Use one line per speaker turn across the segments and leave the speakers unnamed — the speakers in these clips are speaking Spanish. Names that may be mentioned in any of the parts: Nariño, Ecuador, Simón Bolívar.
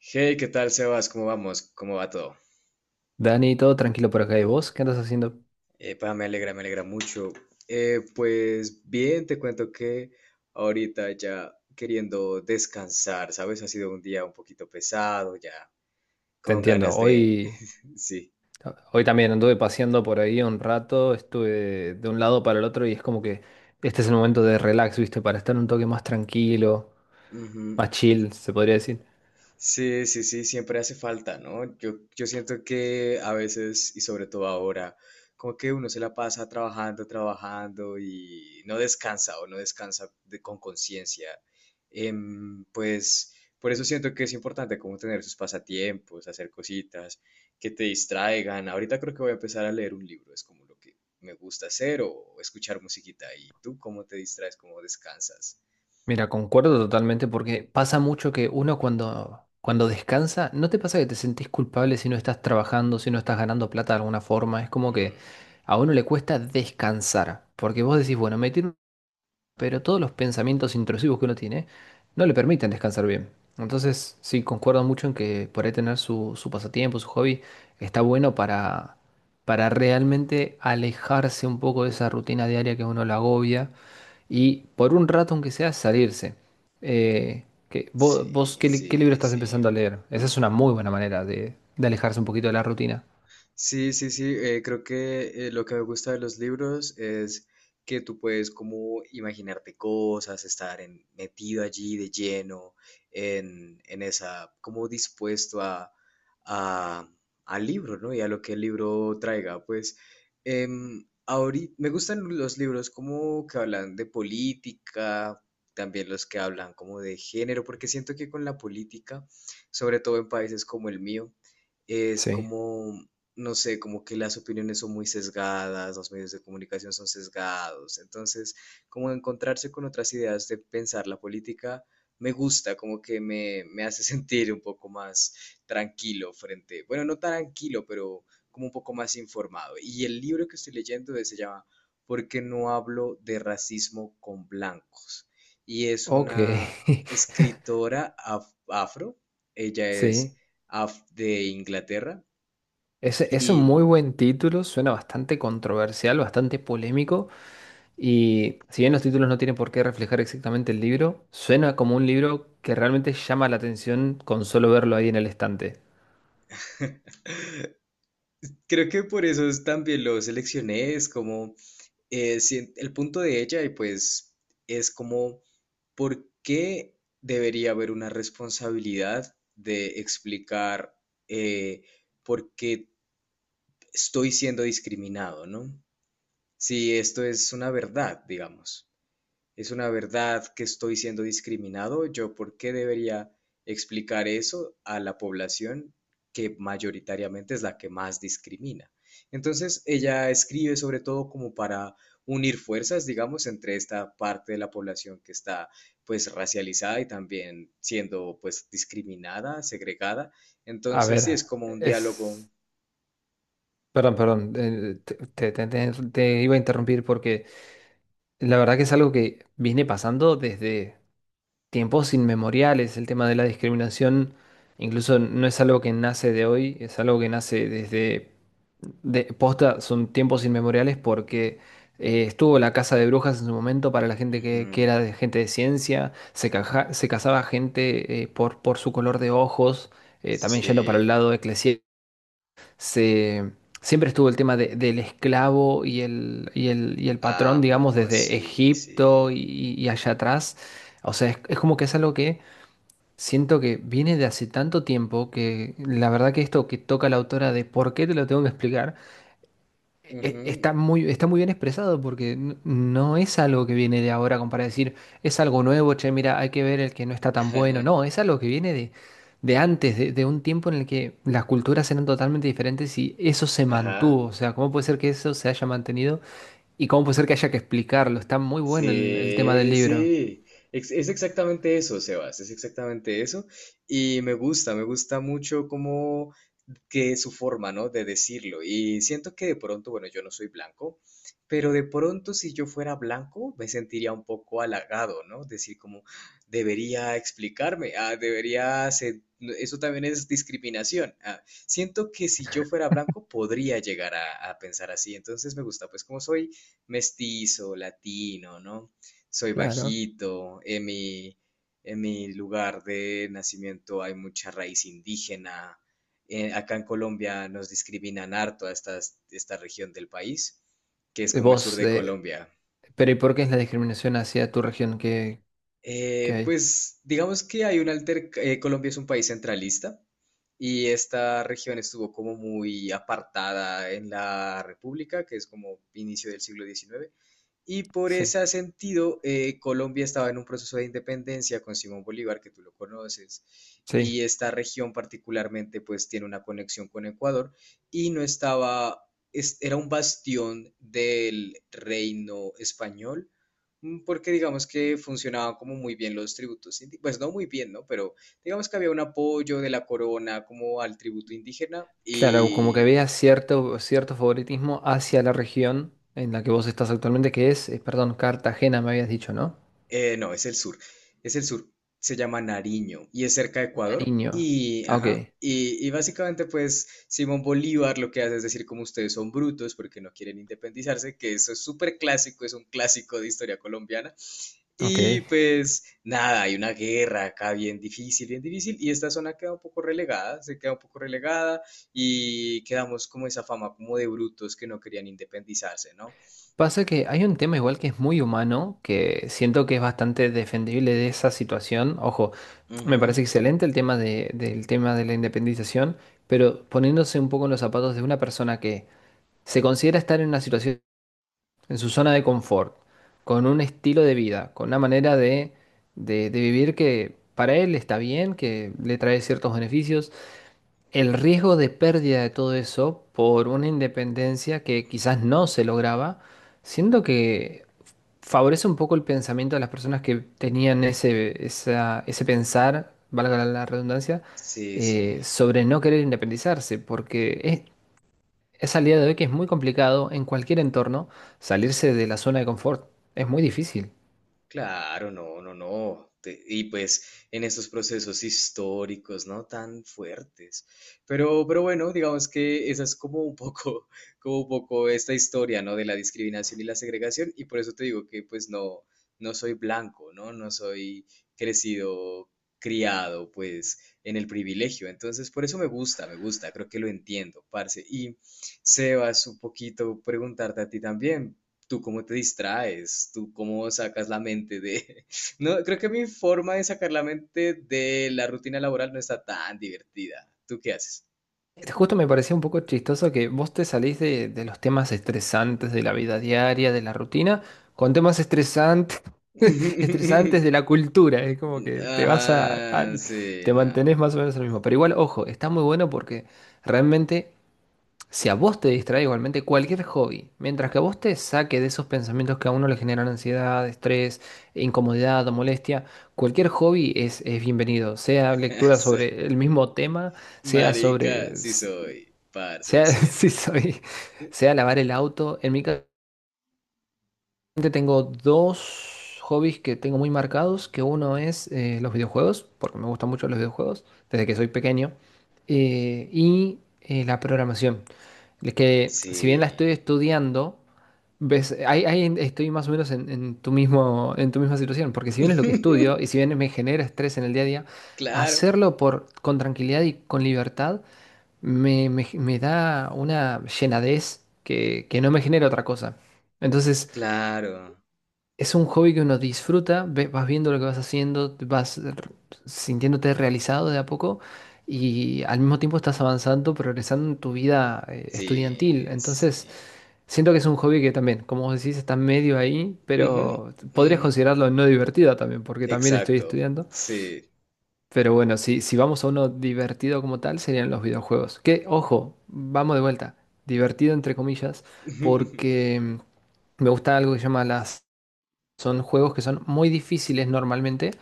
Hey, ¿qué tal, Sebas? ¿Cómo vamos? ¿Cómo va todo?
Dani, todo tranquilo por acá. ¿Y vos qué andas haciendo?
Pa, me alegra mucho. Pues bien, te cuento que ahorita ya queriendo descansar, ¿sabes? Ha sido un día un poquito pesado, ya
Te
con
entiendo.
ganas de...
Hoy, hoy también anduve paseando por ahí un rato, estuve de un lado para el otro y es como que este es el momento de relax, ¿viste? Para estar un toque más tranquilo,
Sí.
más chill, se podría decir.
Sí, sí, sí, siempre hace falta, ¿no? Yo siento que a veces, y sobre todo ahora, como que uno se la pasa trabajando, trabajando y no descansa o no descansa con conciencia. Pues por eso siento que es importante como tener sus pasatiempos, hacer cositas que te distraigan. Ahorita creo que voy a empezar a leer un libro, es como lo que me gusta hacer o escuchar musiquita. ¿Y tú cómo te distraes, cómo descansas?
Mira, concuerdo totalmente porque pasa mucho que uno cuando descansa, ¿no te pasa que te sentís culpable si no estás trabajando, si no estás ganando,
Ujú.
pero todos los pensamientos intrusivos que uno tiene no le permiten descansar bien? Entonces, sí, concuerdo mucho en que por ahí tener su pasatiempo, su hobby, está bueno para realmente alejarse un poco de esa rutina diaria que a uno la agobia y por un rato, aunque sea, salirse. Que, vos
Sí,
¿qué, qué libro
sí,
estás
sí.
empezando a leer? Esa es una muy buena manera de alejarse un poquito de la rutina.
Sí, sí, sí, creo que lo que me gusta de los libros es que tú puedes como imaginarte cosas, metido allí de lleno, en esa, como dispuesto a- al libro, ¿no? Y a lo que el libro traiga. Pues ahorita me gustan los libros como que hablan de política, también los que hablan como de género, porque siento que con la política, sobre todo en países como el mío, es
Sí.
como no sé, como que las opiniones son muy sesgadas, los medios de comunicación son sesgados. Entonces, como encontrarse con otras ideas de pensar la política, me gusta, como que me hace sentir un poco más tranquilo frente, bueno, no tan tranquilo, pero como un poco más informado. Y el libro que estoy leyendo se llama ¿Por qué no hablo de racismo con blancos? Y es
Ok.
una escritora afro, ella es
Sí.
af- de Inglaterra.
Ese es un muy
Y
buen título, suena bastante controversial, bastante polémico, y si bien los títulos no tienen por qué reflejar exactamente el libro, suena como un libro que realmente llama la atención con solo verlo ahí en el estante.
creo que por eso es también lo seleccioné, es como si- el punto de ella y pues es como por qué debería haber una responsabilidad de explicar eh, por qué estoy siendo discriminado, ¿no? Si esto es una verdad, digamos. ¿Es una verdad que estoy siendo discriminado? ¿Yo por qué debería explicar eso a la población que mayoritariamente es la que más discrimina? Entonces, ella escribe sobre todo como para unir fuerzas, digamos, entre esta parte de la población que está pues racializada y también siendo pues discriminada, segregada.
A
Entonces,
ver,
sí, es como un diálogo.
es... Perdón, perdón, te iba a interrumpir porque la verdad que es algo que viene pasando desde tiempos inmemoriales. El tema de la discriminación incluso no es algo que nace de hoy, es algo que nace desde posta, son tiempos inmemoriales porque estuvo la casa de brujas en su momento para la gente que
Ujú.
era de gente de ciencia, se, se casaba gente por su color de ojos, también yendo para el lado
Sí,
eclesiástico se, siempre estuvo el tema del esclavo y el, y el, y el patrón,
amo,
digamos, desde
sí, sí.
Egipto y allá atrás. O sea, es como que es algo que siento que viene de hace tanto tiempo que la verdad que esto que toca la autora de por qué te lo tengo que explicar
Ujú.
está muy, está muy bien expresado porque no es algo que viene de ahora como para decir, es algo nuevo, che, mira, hay que ver el que no está tan bueno. No, es algo que viene de antes, de un tiempo en el que las culturas eran totalmente diferentes y eso se mantuvo.
Ajá.
O sea, ¿cómo puede ser que eso se haya mantenido y cómo puede ser que haya que explicarlo? Está muy bueno el tema del
Sí,
libro.
sí. Exactamente eso, Sebas. Es exactamente eso. Y me gusta mucho como que su forma, ¿no? De decirlo. Y siento que de pronto, bueno, yo no soy blanco, pero de pronto si yo fuera blanco, me sentiría un poco halagado, ¿no? Decir como, debería explicarme, ah, debería ser- eso también es discriminación. Ah, siento que si yo fuera blanco podría llegar a pensar así. Entonces me gusta, pues como soy mestizo, latino, ¿no? Soy
Claro.
bajito, en mi lugar de nacimiento hay mucha raíz indígena. Acá en Colombia nos discriminan harto a estas- esta región del país, que es como el sur
Vos,
de Colombia.
pero ¿y por qué es la discriminación hacia tu región que
Eh,
hay?
pues digamos que hay un alter... Colombia es un país centralista y esta región estuvo como muy apartada en la República, que es como inicio del siglo XIX. Y por
Sí,
ese sentido, Colombia estaba en un proceso de independencia con Simón Bolívar, que tú lo conoces,
sí.
y esta región particularmente pues tiene una conexión con Ecuador y no estaba, es- era un bastión del reino español, mm, porque digamos que funcionaban como muy bien los tributos, indi- pues no muy bien, ¿no? Pero digamos que había un apoyo de la corona como al tributo indígena
Claro, como que
y
había cierto, cierto favoritismo hacia la región en la que vos estás actualmente, que es, perdón, Cartagena, me habías dicho, ¿no?
No, es el sur. Es el sur. Se llama Nariño y es cerca de Ecuador.
Nariño.
Y,
Ah, ok,
ajá, y básicamente, pues, Simón Bolívar lo que hace es decir como ustedes son brutos porque no quieren independizarse, que eso es súper clásico, es un clásico de historia colombiana. Y
ok.
pues, nada, hay una guerra acá bien difícil, bien difícil. Y esta zona queda un poco relegada, se queda un poco relegada y quedamos como esa fama como de brutos que no querían independizarse, ¿no?
Pasa que hay un tema igual que es muy humano, que siento que es bastante defendible de esa situación. Ojo, me
Ujú.
parece excelente el tema del tema de la independización, pero poniéndose un poco en los zapatos de una persona que se considera estar en una situación en su zona de confort, con un estilo de vida, con una manera de, de vivir que para él está bien, que le trae ciertos beneficios. El riesgo de pérdida de todo eso por una independencia que quizás no se lograba, siento que favorece un poco el pensamiento de las personas que tenían
Mm.
ese, ese pensar, valga la redundancia,
Sí, sí.
sobre no querer independizarse, porque es al día de hoy que es muy complicado en cualquier entorno salirse de la zona de confort. Es muy difícil.
Claro, no, no, no. Te- y pues en estos procesos históricos, ¿no? Tan fuertes. Pero bueno, digamos que esa es como un poco, como un poco esta historia, ¿no? De la discriminación y la segregación. Y por eso te digo que pues no, no soy blanco, ¿no? No soy crecido, criado, pues en el privilegio. Entonces, por eso me gusta, me gusta. Creo que lo entiendo, parce. Y Sebas, un poquito preguntarte a ti también tú cómo te distraes, tú cómo sacas la mente de... No, creo que mi forma de sacar la mente de la rutina laboral no está tan divertida. ¿Tú qué haces?
Este, justo me parecía un poco chistoso que vos te salís de los temas estresantes de la vida diaria, de la rutina, con temas estresantes, estresantes de la cultura. Es como que te vas a,
Ajá, sí,
te
no.
mantenés más o menos lo mismo. Pero igual, ojo, está muy bueno porque realmente si a vos te distrae igualmente cualquier hobby, mientras que a vos te saque de esos pensamientos que a uno le generan ansiedad, estrés, incomodidad o molestia, cualquier hobby es bienvenido. Sea lectura
Sí.
sobre el mismo tema, sea
Marica,
sobre...
sí soy. Parce, lo
Sea, sí
siento.
soy, sea lavar el auto. En mi caso tengo dos hobbies que tengo muy marcados, que uno es los videojuegos, porque me gustan mucho los videojuegos desde que soy pequeño, la programación. Es que si bien la estoy
Sí.
estudiando, ves, ahí estoy más o menos en tu mismo, en tu misma situación, porque si bien es lo que estudio y si bien me genera estrés en el día a día,
Claro,
hacerlo por, con tranquilidad y con libertad me, me da una llenadez que no me genera otra cosa. Entonces,
claro.
es un hobby que uno disfruta, vas viendo lo que vas haciendo, vas sintiéndote realizado de a poco y al mismo tiempo estás avanzando, progresando en tu vida estudiantil.
Sí, sí.
Entonces, siento que es un hobby que también, como vos decís, está medio ahí,
Ujú,
pero podrías
ujú.
considerarlo no divertido también, porque también estoy
Exacto,
estudiando.
sí.
Pero bueno, si, si vamos a uno divertido como tal, serían los videojuegos. Que, ojo, vamos de vuelta. Divertido entre comillas,
Ujú,
porque me gusta algo que se llama las... Son juegos que son muy difíciles normalmente,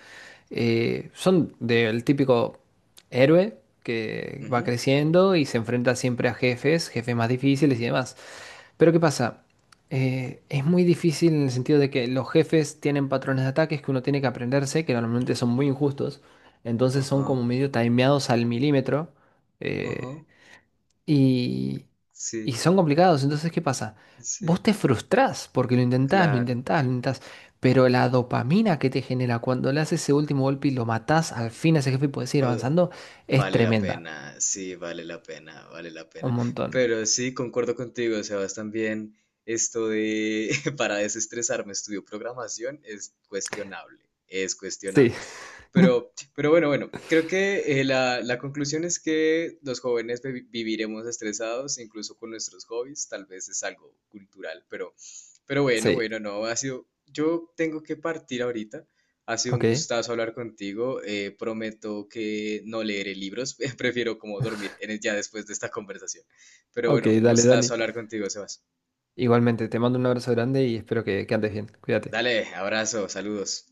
son del típico héroe que va
ujú.
creciendo y se enfrenta siempre a jefes, jefes más difíciles y demás. Pero ¿qué pasa? Es muy difícil en el sentido de que los jefes tienen patrones de ataques que uno tiene que aprenderse, que normalmente son muy injustos, entonces son
Ajá.
como medio timeados al milímetro.
Ajá,
eh, y, y
sí,
son complicados. Entonces, ¿qué pasa? Vos
sí,
te frustrás porque lo intentás, lo
claro.
intentás, lo intentás. Pero la dopamina que te genera cuando le haces ese último golpe y lo matás al fin a ese jefe y puedes seguir
O-
avanzando es
vale la
tremenda.
pena, sí, vale la pena, vale la
Un
pena.
montón.
Pero sí, concuerdo contigo, Sebas, también esto de para desestresarme estudio programación es cuestionable, es
Sí,
cuestionable. Pero bueno, creo que la conclusión es que los jóvenes viviremos estresados, incluso con nuestros hobbies, tal vez es algo cultural, pero,
sí.
bueno, no, ha sido, yo tengo que partir ahorita, ha sido un
Ok,
gustazo hablar contigo, prometo que no leeré libros, prefiero como dormir ya después de esta conversación, pero
ok,
bueno, un
dale,
gustazo
Dani.
hablar contigo, Sebas.
Igualmente, te mando un abrazo grande y espero que andes bien. Cuídate.
Dale, abrazo, saludos.